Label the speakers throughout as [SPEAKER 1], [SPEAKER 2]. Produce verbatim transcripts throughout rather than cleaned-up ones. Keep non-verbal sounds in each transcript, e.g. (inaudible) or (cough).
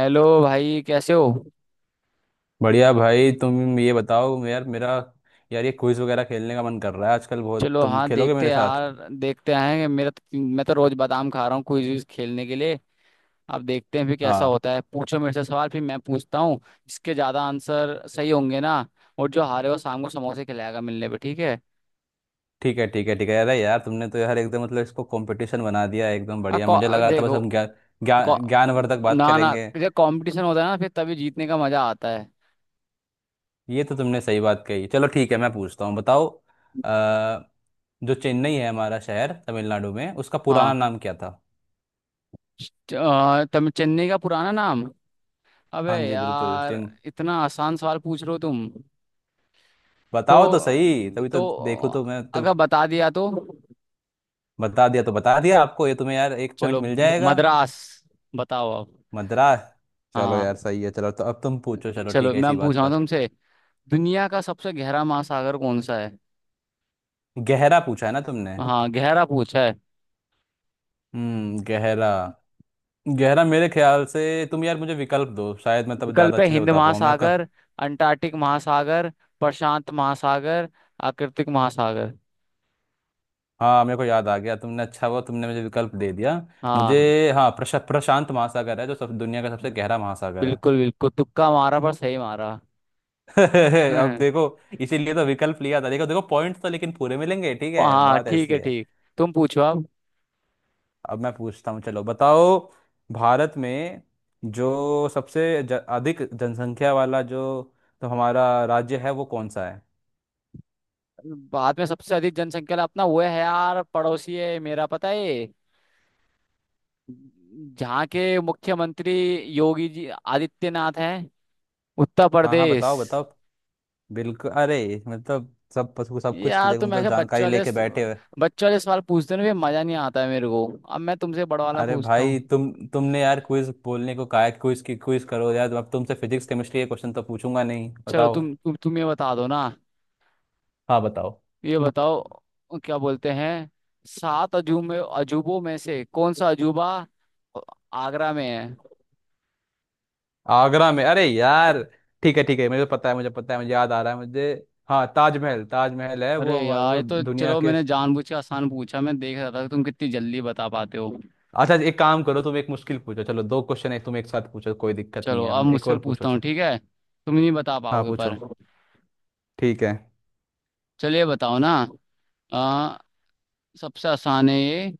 [SPEAKER 1] Hello भाई, कैसे हो।
[SPEAKER 2] बढ़िया भाई। तुम ये बताओ यार मेरा यार, ये क्विज वगैरह खेलने का मन कर रहा है आजकल बहुत।
[SPEAKER 1] चलो
[SPEAKER 2] तुम
[SPEAKER 1] हाँ,
[SPEAKER 2] खेलोगे
[SPEAKER 1] देखते
[SPEAKER 2] मेरे
[SPEAKER 1] हैं
[SPEAKER 2] साथ?
[SPEAKER 1] यार। देखते हैं। मेरा तो, मैं तो रोज बादाम खा रहा हूँ क्विज विज खेलने के लिए। अब देखते हैं फिर कैसा
[SPEAKER 2] हाँ।
[SPEAKER 1] होता है। पूछो मेरे से सवाल, फिर मैं पूछता हूँ। जिसके ज्यादा आंसर सही होंगे ना। और जो हारे वो शाम को समोसे खिलाएगा मिलने पे, ठीक है।
[SPEAKER 2] ठीक है, ठीक है, ठीक है। अरे यार, तुमने तो यार एकदम, मतलब, इसको कंपटीशन बना दिया है, एकदम
[SPEAKER 1] आ,
[SPEAKER 2] बढ़िया।
[SPEAKER 1] कौ-
[SPEAKER 2] मुझे
[SPEAKER 1] आ,
[SPEAKER 2] लगा था बस
[SPEAKER 1] देखो।
[SPEAKER 2] हम ज्ञान
[SPEAKER 1] कौ,
[SPEAKER 2] ज्ञान ज्ञानवर्धक बात
[SPEAKER 1] ना ना,
[SPEAKER 2] करेंगे।
[SPEAKER 1] जब कंपटीशन होता है ना फिर तभी जीतने का मजा आता है।
[SPEAKER 2] ये तो तुमने सही बात कही। चलो ठीक है, मैं पूछता हूँ, बताओ। अ, जो चेन्नई है हमारा शहर तमिलनाडु में, उसका पुराना
[SPEAKER 1] हाँ।
[SPEAKER 2] नाम क्या था?
[SPEAKER 1] च- आ, तुम चेन्नई का पुराना नाम। अबे
[SPEAKER 2] हाँ जी, बिल्कुल।
[SPEAKER 1] यार,
[SPEAKER 2] चिन।
[SPEAKER 1] इतना आसान सवाल पूछ रहे हो तुम। तो
[SPEAKER 2] बताओ तो सही,
[SPEAKER 1] अम,
[SPEAKER 2] तभी तो।
[SPEAKER 1] तो
[SPEAKER 2] देखो तो, मैं तो।
[SPEAKER 1] अगर बता दिया तो।
[SPEAKER 2] बता दिया तो बता दिया, आपको, ये तुम्हें यार, एक पॉइंट
[SPEAKER 1] चलो,
[SPEAKER 2] मिल जाएगा।
[SPEAKER 1] मद्रास। बताओ अब।
[SPEAKER 2] मद्रास। चलो
[SPEAKER 1] हाँ।
[SPEAKER 2] यार, सही है। चलो, तो अब तुम पूछो। चलो
[SPEAKER 1] चलो,
[SPEAKER 2] ठीक है, इसी
[SPEAKER 1] मैं पूछ
[SPEAKER 2] बात
[SPEAKER 1] रहा हूँ
[SPEAKER 2] पर।
[SPEAKER 1] तुमसे। दुनिया का सबसे गहरा महासागर कौन सा है।
[SPEAKER 2] गहरा पूछा है ना तुमने?
[SPEAKER 1] हाँ, गहरा पूछा है।
[SPEAKER 2] हम्म गहरा। गहरा, मेरे ख्याल से, तुम यार मुझे विकल्प दो, शायद मैं तब ज़्यादा
[SPEAKER 1] विकल्प है
[SPEAKER 2] अच्छे से
[SPEAKER 1] हिंद
[SPEAKER 2] बता पाऊँ। मैं क...
[SPEAKER 1] महासागर, अंटार्कटिक महासागर, प्रशांत महासागर, आर्कटिक महासागर।
[SPEAKER 2] हाँ, मेरे को याद आ गया, तुमने, अच्छा हुआ तुमने मुझे विकल्प दे दिया।
[SPEAKER 1] हाँ।
[SPEAKER 2] मुझे, हाँ, प्रश, प्रशांत महासागर है जो, सब, दुनिया का सबसे गहरा महासागर
[SPEAKER 1] बिल्कुल बिल्कुल, तुक्का मारा पर सही मारा।
[SPEAKER 2] है। (laughs) अब
[SPEAKER 1] (laughs)
[SPEAKER 2] देखो, इसीलिए तो विकल्प लिया था। देखो देखो, पॉइंट्स तो लेकिन पूरे मिलेंगे, ठीक है,
[SPEAKER 1] हाँ
[SPEAKER 2] बात
[SPEAKER 1] ठीक
[SPEAKER 2] ऐसी
[SPEAKER 1] है,
[SPEAKER 2] है।
[SPEAKER 1] ठीक। तुम पूछो अब।
[SPEAKER 2] अब मैं पूछता हूँ, चलो बताओ। भारत में जो सबसे ज- अधिक जनसंख्या वाला जो, तो हमारा राज्य है, वो कौन सा है?
[SPEAKER 1] भारत में सबसे अधिक जनसंख्या वाला अपना वो है यार, पड़ोसी है मेरा, पता है। जहाँ के मुख्यमंत्री योगी जी आदित्यनाथ हैं। उत्तर
[SPEAKER 2] हाँ हाँ,
[SPEAKER 1] प्रदेश।
[SPEAKER 2] बताओ बताओ। बिल्कुल। अरे, मतलब, सब सब कुछ
[SPEAKER 1] यार,
[SPEAKER 2] ले,
[SPEAKER 1] तुम
[SPEAKER 2] मतलब,
[SPEAKER 1] ऐसे बच्चे
[SPEAKER 2] जानकारी
[SPEAKER 1] वाले
[SPEAKER 2] लेके बैठे हो।
[SPEAKER 1] बच्चे वाले सवाल पूछते हो ना, ये मजा नहीं आता है मेरे को। अब मैं तुमसे बड़ा वाला
[SPEAKER 2] अरे
[SPEAKER 1] पूछता
[SPEAKER 2] भाई,
[SPEAKER 1] हूँ।
[SPEAKER 2] तुम तुमने यार क्विज बोलने को कहा है, क्विज की, क्विज करो यार। अब तुमसे फिजिक्स केमिस्ट्री के क्वेश्चन तो पूछूंगा नहीं।
[SPEAKER 1] चलो,
[SPEAKER 2] बताओ।
[SPEAKER 1] तुम तुम तुम ये बता दो ना।
[SPEAKER 2] हाँ, बताओ।
[SPEAKER 1] ये बताओ, क्या बोलते हैं, सात अजूबे में अजूबों में से कौन सा अजूबा आगरा में है।
[SPEAKER 2] आगरा में? अरे यार, ठीक है ठीक है, मुझे पता है मुझे पता है, मुझे याद आ रहा है। मुझे, हाँ, ताजमहल, ताजमहल है
[SPEAKER 1] अरे
[SPEAKER 2] वो। हमा-,
[SPEAKER 1] यार,
[SPEAKER 2] वो
[SPEAKER 1] ये तो
[SPEAKER 2] दुनिया
[SPEAKER 1] चलो
[SPEAKER 2] के।
[SPEAKER 1] मैंने जानबूझ के आसान पूछा। मैं देख रहा था कि तुम कितनी जल्दी बता पाते हो।
[SPEAKER 2] अच्छा, एक काम करो तुम, एक मुश्किल पूछो। चलो, दो क्वेश्चन, एक तुम एक साथ पूछो, कोई दिक्कत नहीं
[SPEAKER 1] चलो
[SPEAKER 2] है,
[SPEAKER 1] अब
[SPEAKER 2] एक
[SPEAKER 1] मुझसे
[SPEAKER 2] और पूछो,
[SPEAKER 1] पूछता हूँ,
[SPEAKER 2] चल।
[SPEAKER 1] ठीक है। तुम नहीं बता
[SPEAKER 2] हाँ,
[SPEAKER 1] पाओगे
[SPEAKER 2] पूछो।
[SPEAKER 1] पर।
[SPEAKER 2] ठीक है।
[SPEAKER 1] चलिए बताओ ना। आ, सबसे आसान है ये।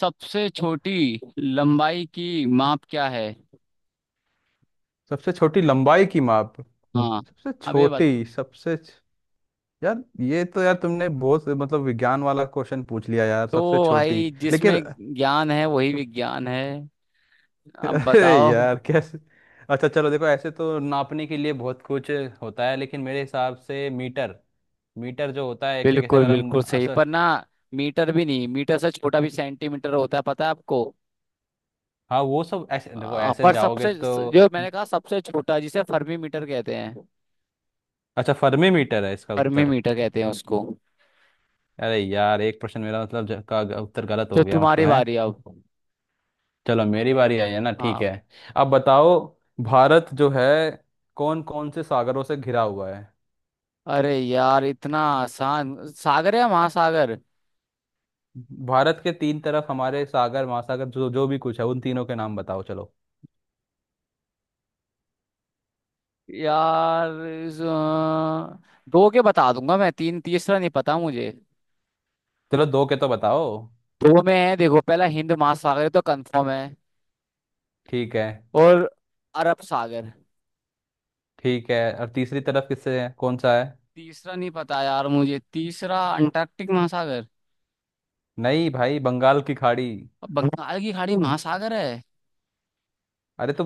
[SPEAKER 1] सबसे छोटी लंबाई की माप क्या है।
[SPEAKER 2] सबसे छोटी लंबाई की माप।
[SPEAKER 1] हाँ।
[SPEAKER 2] सबसे
[SPEAKER 1] अब ये बत।
[SPEAKER 2] छोटी, सबसे छ- यार ये तो यार, तुमने बहुत, मतलब, विज्ञान वाला क्वेश्चन पूछ लिया यार।
[SPEAKER 1] तो
[SPEAKER 2] सबसे छोटी,
[SPEAKER 1] भाई,
[SPEAKER 2] लेकिन।
[SPEAKER 1] जिसमें
[SPEAKER 2] (laughs)
[SPEAKER 1] ज्ञान है वही विज्ञान है। अब
[SPEAKER 2] अरे
[SPEAKER 1] बताओ।
[SPEAKER 2] यार, कैसे। अच्छा चलो, देखो, ऐसे तो नापने के लिए बहुत कुछ होता है, लेकिन मेरे हिसाब से मीटर, मीटर जो होता है, एक तरीके से,
[SPEAKER 1] बिल्कुल
[SPEAKER 2] अगर हम
[SPEAKER 1] बिल्कुल सही,
[SPEAKER 2] असर।
[SPEAKER 1] पर ना मीटर भी नहीं, मीटर से छोटा भी सेंटीमीटर होता है, पता है आपको।
[SPEAKER 2] हाँ, वो सब ऐसे देखो,
[SPEAKER 1] आ,
[SPEAKER 2] ऐसे
[SPEAKER 1] पर
[SPEAKER 2] जाओगे
[SPEAKER 1] सबसे
[SPEAKER 2] तो।
[SPEAKER 1] जो मैंने कहा सबसे छोटा, जिसे फर्मी मीटर कहते हैं।
[SPEAKER 2] अच्छा, फर्मी मीटर है इसका
[SPEAKER 1] फर्मी
[SPEAKER 2] उत्तर।
[SPEAKER 1] मीटर कहते हैं उसको।
[SPEAKER 2] अरे यार, एक प्रश्न मेरा, मतलब, ज- का ग- उत्तर गलत
[SPEAKER 1] तो
[SPEAKER 2] हो गया, मतलब
[SPEAKER 1] तुम्हारी
[SPEAKER 2] है।
[SPEAKER 1] बारी अब।
[SPEAKER 2] चलो, मेरी बारी आई है ना, ठीक
[SPEAKER 1] हाँ।
[SPEAKER 2] है। अब बताओ, भारत जो है, कौन कौन से सागरों से घिरा हुआ है?
[SPEAKER 1] अरे यार, इतना आसान। सागर या महासागर।
[SPEAKER 2] भारत के तीन तरफ हमारे सागर, महासागर, जो जो भी कुछ है, उन तीनों के नाम बताओ, चलो।
[SPEAKER 1] यार इस, अ, दो के बता दूंगा मैं, तीन तीसरा नहीं पता मुझे।
[SPEAKER 2] चलो, दो के तो बताओ।
[SPEAKER 1] दो में है देखो, पहला हिंद महासागर तो कंफर्म है।
[SPEAKER 2] ठीक है,
[SPEAKER 1] और अरब सागर।
[SPEAKER 2] ठीक है। और तीसरी तरफ किससे है, कौन सा है?
[SPEAKER 1] तीसरा नहीं पता यार मुझे, तीसरा अंटार्कटिक महासागर।
[SPEAKER 2] नहीं भाई, बंगाल की खाड़ी।
[SPEAKER 1] बंगाल की खाड़ी महासागर है।
[SPEAKER 2] अरे तो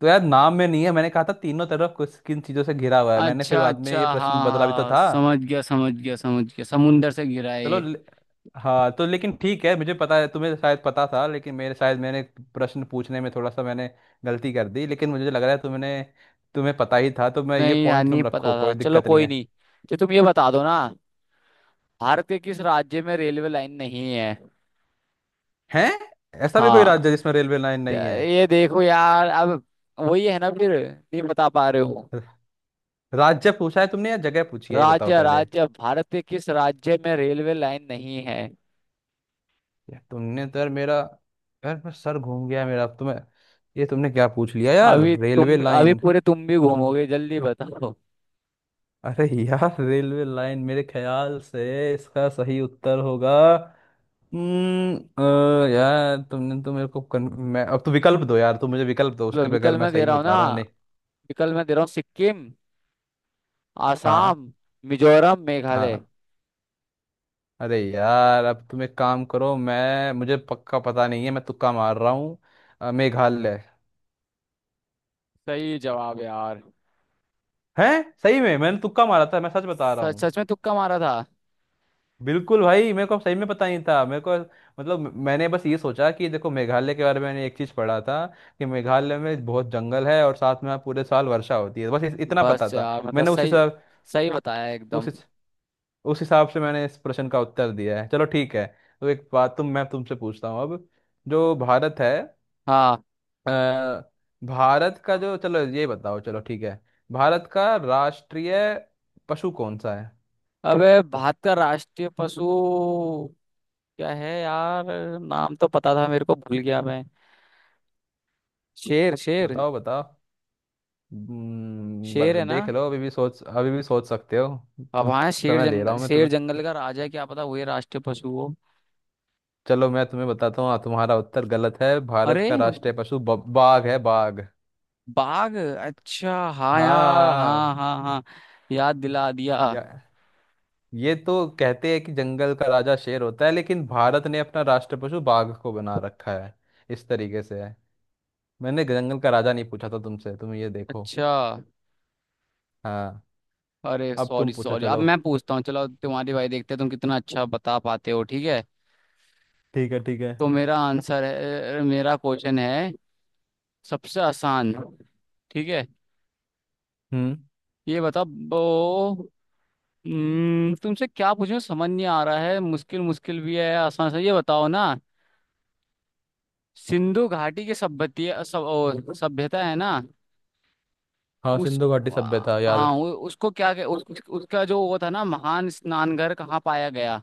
[SPEAKER 2] तो यार, नाम में नहीं है, मैंने कहा था तीनों तरफ कुछ, किन चीजों से घिरा हुआ है, मैंने फिर
[SPEAKER 1] अच्छा
[SPEAKER 2] बाद में
[SPEAKER 1] अच्छा,
[SPEAKER 2] ये प्रश्न
[SPEAKER 1] हाँ
[SPEAKER 2] बदला भी तो
[SPEAKER 1] हाँ,
[SPEAKER 2] था।
[SPEAKER 1] समझ गया समझ गया समझ गया, समुंदर से घिरा है
[SPEAKER 2] चलो।
[SPEAKER 1] ये।
[SPEAKER 2] हाँ तो, लेकिन ठीक है, मुझे पता है तुम्हें शायद पता था, लेकिन मेरे, शायद मैंने प्रश्न पूछने में थोड़ा सा, मैंने गलती कर दी, लेकिन मुझे लग रहा है तुमने, तुम्हें पता ही था, तो मैं ये
[SPEAKER 1] नहीं यार,
[SPEAKER 2] पॉइंट
[SPEAKER 1] नहीं
[SPEAKER 2] तुम
[SPEAKER 1] पता
[SPEAKER 2] रखो,
[SPEAKER 1] था,
[SPEAKER 2] कोई
[SPEAKER 1] चलो
[SPEAKER 2] दिक्कत नहीं
[SPEAKER 1] कोई
[SPEAKER 2] है।
[SPEAKER 1] नहीं। तो तुम ये बता दो ना, भारत के किस राज्य में रेलवे लाइन नहीं है।
[SPEAKER 2] हैं? ऐसा भी कोई
[SPEAKER 1] हाँ।
[SPEAKER 2] राज्य जिसमें रेलवे लाइन
[SPEAKER 1] त-
[SPEAKER 2] नहीं है?
[SPEAKER 1] ये देखो यार अब, वही है ना फिर, नहीं बता पा रहे हो।
[SPEAKER 2] र- राज्य पूछा है तुमने या जगह पूछी है, ये बताओ
[SPEAKER 1] राज्य,
[SPEAKER 2] पहले।
[SPEAKER 1] राज्य, भारत के किस राज्य में रेलवे लाइन नहीं है।
[SPEAKER 2] यार तुमने तो यार मेरा, यार मैं सर घूम गया मेरा, तुम्हें, ये तुमने क्या पूछ लिया यार,
[SPEAKER 1] अभी तुम,
[SPEAKER 2] रेलवे
[SPEAKER 1] अभी
[SPEAKER 2] लाइन।
[SPEAKER 1] पूरे तुम भी घूमोगे, जल्दी बताओ।
[SPEAKER 2] अरे यार, रेलवे लाइन, मेरे ख्याल से इसका सही उत्तर होगा, हम्म अ, यार तुमने तो मेरे को कन... मैं अब तो, विकल्प दो यार, तुम मुझे विकल्प दो,
[SPEAKER 1] लो,
[SPEAKER 2] उसके बगैर
[SPEAKER 1] विकल्प
[SPEAKER 2] मैं
[SPEAKER 1] मैं दे
[SPEAKER 2] सही
[SPEAKER 1] रहा
[SPEAKER 2] में
[SPEAKER 1] हूँ
[SPEAKER 2] बता
[SPEAKER 1] ना।
[SPEAKER 2] रहा हूँ, नहीं।
[SPEAKER 1] विकल्प मैं दे रहा हूँ, सिक्किम,
[SPEAKER 2] हाँ।
[SPEAKER 1] आसाम, मिजोरम, मेघालय।
[SPEAKER 2] हाँ, अरे यार, अब तुम एक काम करो, मैं, मुझे पक्का पता नहीं है, मैं तुक्का मार रहा हूँ। अ, मेघालय।
[SPEAKER 1] सही जवाब यार।
[SPEAKER 2] है। सही में मैंने तुक्का मारा था, मैं सच बता रहा
[SPEAKER 1] सच,
[SPEAKER 2] हूँ।
[SPEAKER 1] सच में तुक्का मारा था।
[SPEAKER 2] बिल्कुल भाई, मेरे को सही में पता नहीं था मेरे को, मतलब, मैंने बस ये सोचा कि देखो, मेघालय के बारे में मैंने एक चीज़ पढ़ा था कि मेघालय में बहुत जंगल है, और साथ में वहाँ पूरे साल वर्षा होती है, बस इस- इतना पता
[SPEAKER 1] बस
[SPEAKER 2] था।
[SPEAKER 1] यार, मतलब
[SPEAKER 2] मैंने उसी
[SPEAKER 1] सही,
[SPEAKER 2] हिसाब,
[SPEAKER 1] सही बताया
[SPEAKER 2] उस
[SPEAKER 1] एकदम।
[SPEAKER 2] उस हिसाब से मैंने इस प्रश्न का उत्तर दिया है, चलो ठीक है। तो एक बात, तुम, मैं तुमसे पूछता हूँ अब। जो भारत है,
[SPEAKER 1] हाँ।
[SPEAKER 2] अ, भारत का जो, चलो ये बताओ, चलो ठीक है, भारत का राष्ट्रीय पशु कौन सा है?
[SPEAKER 1] अबे, भारत का राष्ट्रीय पशु क्या है यार। नाम तो पता था, मेरे को भूल गया मैं। शेर शेर।
[SPEAKER 2] बताओ बताओ। हम्म,
[SPEAKER 1] शेर
[SPEAKER 2] ब-
[SPEAKER 1] है ना।
[SPEAKER 2] देख लो, अभी भी सोच, अभी भी सोच सकते हो।
[SPEAKER 1] अब हाँ, शेर,
[SPEAKER 2] समय दे रहा
[SPEAKER 1] जंगल
[SPEAKER 2] हूँ मैं
[SPEAKER 1] शेर
[SPEAKER 2] तुम्हें।
[SPEAKER 1] जंगल का राजा है, क्या पता वही राष्ट्रीय पशु हो।
[SPEAKER 2] चलो, मैं तुम्हें बताता हूँ, तुम्हारा उत्तर गलत है। भारत
[SPEAKER 1] अरे,
[SPEAKER 2] का राष्ट्रीय पशु ब- बाघ है, बाघ।
[SPEAKER 1] बाघ। अच्छा हाँ यार,
[SPEAKER 2] हाँ।
[SPEAKER 1] हाँ हाँ हाँ, याद दिला दिया।
[SPEAKER 2] या, ये तो कहते हैं कि जंगल का राजा शेर होता है, लेकिन भारत ने अपना राष्ट्र पशु बाघ को बना रखा है, इस तरीके से है। मैंने जंगल का राजा नहीं पूछा था तुमसे, तुम ये देखो।
[SPEAKER 1] अच्छा।
[SPEAKER 2] हाँ।
[SPEAKER 1] अरे
[SPEAKER 2] अब
[SPEAKER 1] सॉरी
[SPEAKER 2] तुम पूछो,
[SPEAKER 1] सॉरी, अब
[SPEAKER 2] चलो।
[SPEAKER 1] मैं पूछता हूँ। चलो तुम्हारी भाई, देखते हैं तुम कितना अच्छा बता पाते हो, ठीक है।
[SPEAKER 2] ठीक है, ठीक है।
[SPEAKER 1] तो मेरा आंसर है, मेरा क्वेश्चन है, सबसे आसान, ठीक है।
[SPEAKER 2] हम्म।
[SPEAKER 1] ये बता वो। हम्म, तुमसे क्या पूछूं, समझ नहीं आ रहा है, मुश्किल मुश्किल भी है, आसान से ये बताओ ना। सिंधु घाटी की सभ्यती सब ओ, सभ्यता है ना।
[SPEAKER 2] हाँ,
[SPEAKER 1] उस
[SPEAKER 2] सिंधु घाटी सभ्यता,
[SPEAKER 1] हाँ
[SPEAKER 2] याद।
[SPEAKER 1] उ- उसको क्या कह- उस, उस- उसका जो वो था ना, महान स्नानघर कहाँ पाया गया।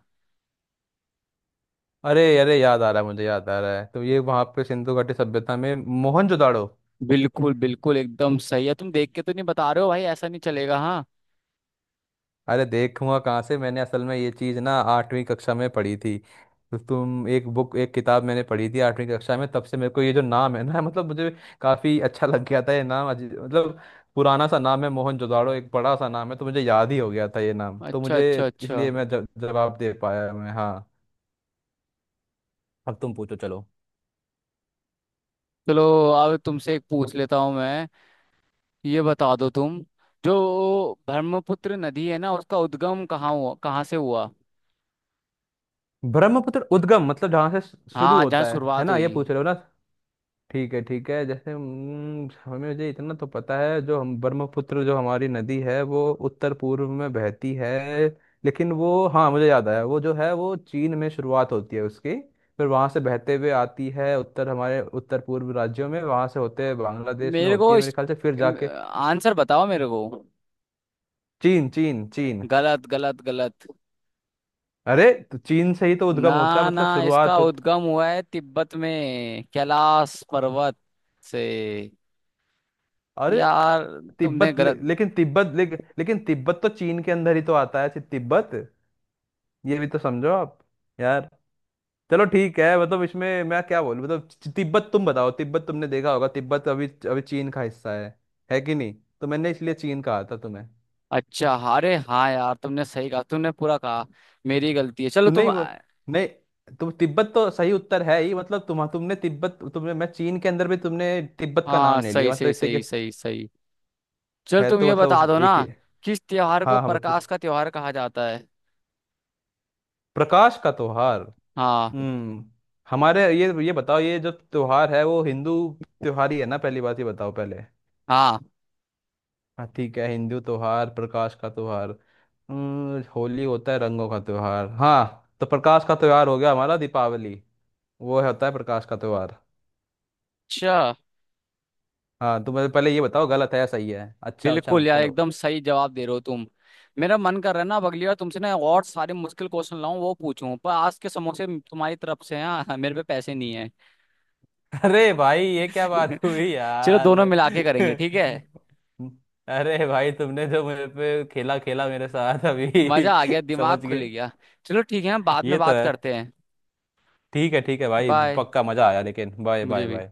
[SPEAKER 2] अरे अरे, याद आ रहा है मुझे, याद आ रहा है, तो ये, वहां पे सिंधु घाटी सभ्यता में मोहनजोदाड़ो।
[SPEAKER 1] बिल्कुल बिल्कुल, एकदम सही है। तुम देख के तो नहीं बता रहे हो भाई, ऐसा नहीं चलेगा हाँ।
[SPEAKER 2] अरे, देखूंगा कहाँ से, मैंने असल में ये चीज़ ना आठवीं कक्षा में पढ़ी थी, तो तुम, एक बुक, एक किताब मैंने पढ़ी थी आठवीं कक्षा में, तब से मेरे को ये जो नाम है ना, (laughs) मतलब मुझे काफ़ी अच्छा लग गया था ये नाम, अजी- मतलब, पुराना सा नाम है मोहनजोदाड़ो, एक बड़ा सा नाम है, तो मुझे याद ही हो गया था ये नाम, तो
[SPEAKER 1] अच्छा
[SPEAKER 2] मुझे
[SPEAKER 1] अच्छा अच्छा।
[SPEAKER 2] इसलिए मैं ज- जवाब दे पाया मैं, हाँ। अब तुम पूछो, चलो।
[SPEAKER 1] चलो, अब तुमसे एक पूछ लेता हूँ मैं। ये बता दो तुम, जो ब्रह्मपुत्र नदी है ना, उसका उद्गम कहाँ हुआ, कहाँ से हुआ।
[SPEAKER 2] ब्रह्मपुत्र, उद्गम मतलब जहाँ से शु- शुरू
[SPEAKER 1] हाँ, जहाँ
[SPEAKER 2] होता है है
[SPEAKER 1] शुरुआत
[SPEAKER 2] ना, ये पूछ
[SPEAKER 1] हुई।
[SPEAKER 2] रहे हो ना? ठीक है, ठीक है। जैसे, हम्म, हमें, मुझे इतना तो पता है, जो हम ब्रह्मपुत्र, जो हमारी नदी है, वो उत्तर पूर्व में बहती है, लेकिन वो, हाँ मुझे याद आया, वो जो है वो चीन में शुरुआत होती है उसकी, फिर वहां से बहते हुए आती है उत्तर, हमारे उत्तर पूर्व राज्यों में, वहां से होते हुए बांग्लादेश में
[SPEAKER 1] मेरे
[SPEAKER 2] होती
[SPEAKER 1] को
[SPEAKER 2] है मेरे
[SPEAKER 1] इस
[SPEAKER 2] ख्याल से, फिर जाके।
[SPEAKER 1] आंसर बताओ मेरे को।
[SPEAKER 2] चीन, चीन, चीन।
[SPEAKER 1] गलत गलत गलत।
[SPEAKER 2] अरे तो चीन से ही तो उद्गम होता है,
[SPEAKER 1] ना ना,
[SPEAKER 2] मतलब
[SPEAKER 1] इसका
[SPEAKER 2] शुरुआत होती।
[SPEAKER 1] उद्गम हुआ है तिब्बत में, कैलाश पर्वत से
[SPEAKER 2] अरे
[SPEAKER 1] यार। तुमने
[SPEAKER 2] तिब्बत ले,
[SPEAKER 1] गलत
[SPEAKER 2] लेकिन तिब्बत ले, लेकिन तिब्बत तो चीन के अंदर ही तो आता है, तिब्बत। ये भी तो समझो आप। यार, चलो ठीक है, मतलब इसमें मैं क्या बोलूं, मतलब ति- तिब्बत, तुम बताओ, तिब्बत तुमने देखा होगा, तिब्बत अभी अभी चीन का हिस्सा है है कि नहीं। तो मैंने इसलिए चीन कहा था तुम्हें।
[SPEAKER 1] अच्छा, अरे हाँ यार, तुमने सही कहा, तुमने पूरा कहा, मेरी गलती है। चलो
[SPEAKER 2] तू
[SPEAKER 1] तुम।
[SPEAKER 2] नहीं वो, नहीं तुम तिब्बत तो सही उत्तर है ही, मतलब तुम तुमने तिब्बत, तुमने, मैं, चीन के अंदर भी तुमने तिब्बत का
[SPEAKER 1] हाँ
[SPEAKER 2] नाम ले
[SPEAKER 1] सही
[SPEAKER 2] लिया, मतलब
[SPEAKER 1] सही
[SPEAKER 2] एक तरीके
[SPEAKER 1] सही
[SPEAKER 2] से
[SPEAKER 1] सही सही। चल
[SPEAKER 2] है,
[SPEAKER 1] तुम
[SPEAKER 2] तो
[SPEAKER 1] ये बता
[SPEAKER 2] मतलब
[SPEAKER 1] दो ना,
[SPEAKER 2] एक ही।
[SPEAKER 1] किस त्योहार को
[SPEAKER 2] हाँ हाँ, बतू।
[SPEAKER 1] प्रकाश का त्योहार कहा जाता है।
[SPEAKER 2] प्रकाश का त्योहार।
[SPEAKER 1] हाँ।
[SPEAKER 2] हम्म हमारे, ये ये बताओ, ये जो त्योहार है वो हिंदू त्योहार ही है ना, पहली बात ये बताओ पहले।
[SPEAKER 1] हाँ।
[SPEAKER 2] हाँ, ठीक है, हिंदू त्योहार, प्रकाश का त्योहार, हम्म, होली होता है रंगों का त्योहार, हाँ, तो प्रकाश का त्योहार हो गया हमारा दीपावली, वो होता है प्रकाश का त्योहार।
[SPEAKER 1] अच्छा।
[SPEAKER 2] हाँ, तुम मुझे पहले ये बताओ, गलत है या सही है, अच्छा अच्छा
[SPEAKER 1] बिल्कुल
[SPEAKER 2] मत
[SPEAKER 1] यार,
[SPEAKER 2] करो।
[SPEAKER 1] एकदम सही जवाब दे रहे हो तुम। मेरा मन कर रहा है ना, अब अगली बार तुमसे ना और सारे मुश्किल क्वेश्चन लाऊं वो पूछूं, पर आज के समोसे तुम्हारी तरफ से हैं हाँ, मेरे पे पैसे नहीं है।
[SPEAKER 2] (laughs) अरे भाई, ये क्या बात हुई
[SPEAKER 1] (laughs) चलो
[SPEAKER 2] यार!
[SPEAKER 1] दोनों मिला के
[SPEAKER 2] (laughs)
[SPEAKER 1] करेंगे, ठीक है।
[SPEAKER 2] अरे भाई, तुमने जो मेरे पे खेला खेला मेरे साथ अभी।
[SPEAKER 1] मजा आ गया,
[SPEAKER 2] (laughs) समझ
[SPEAKER 1] दिमाग खुल
[SPEAKER 2] गए।
[SPEAKER 1] गया। चलो ठीक है, हम बाद में
[SPEAKER 2] ये तो
[SPEAKER 1] बात
[SPEAKER 2] है।
[SPEAKER 1] करते हैं।
[SPEAKER 2] ठीक है, ठीक है भाई,
[SPEAKER 1] बाय।
[SPEAKER 2] पक्का मजा आया लेकिन। बाय,
[SPEAKER 1] मुझे
[SPEAKER 2] बाय,
[SPEAKER 1] भी।
[SPEAKER 2] बाय।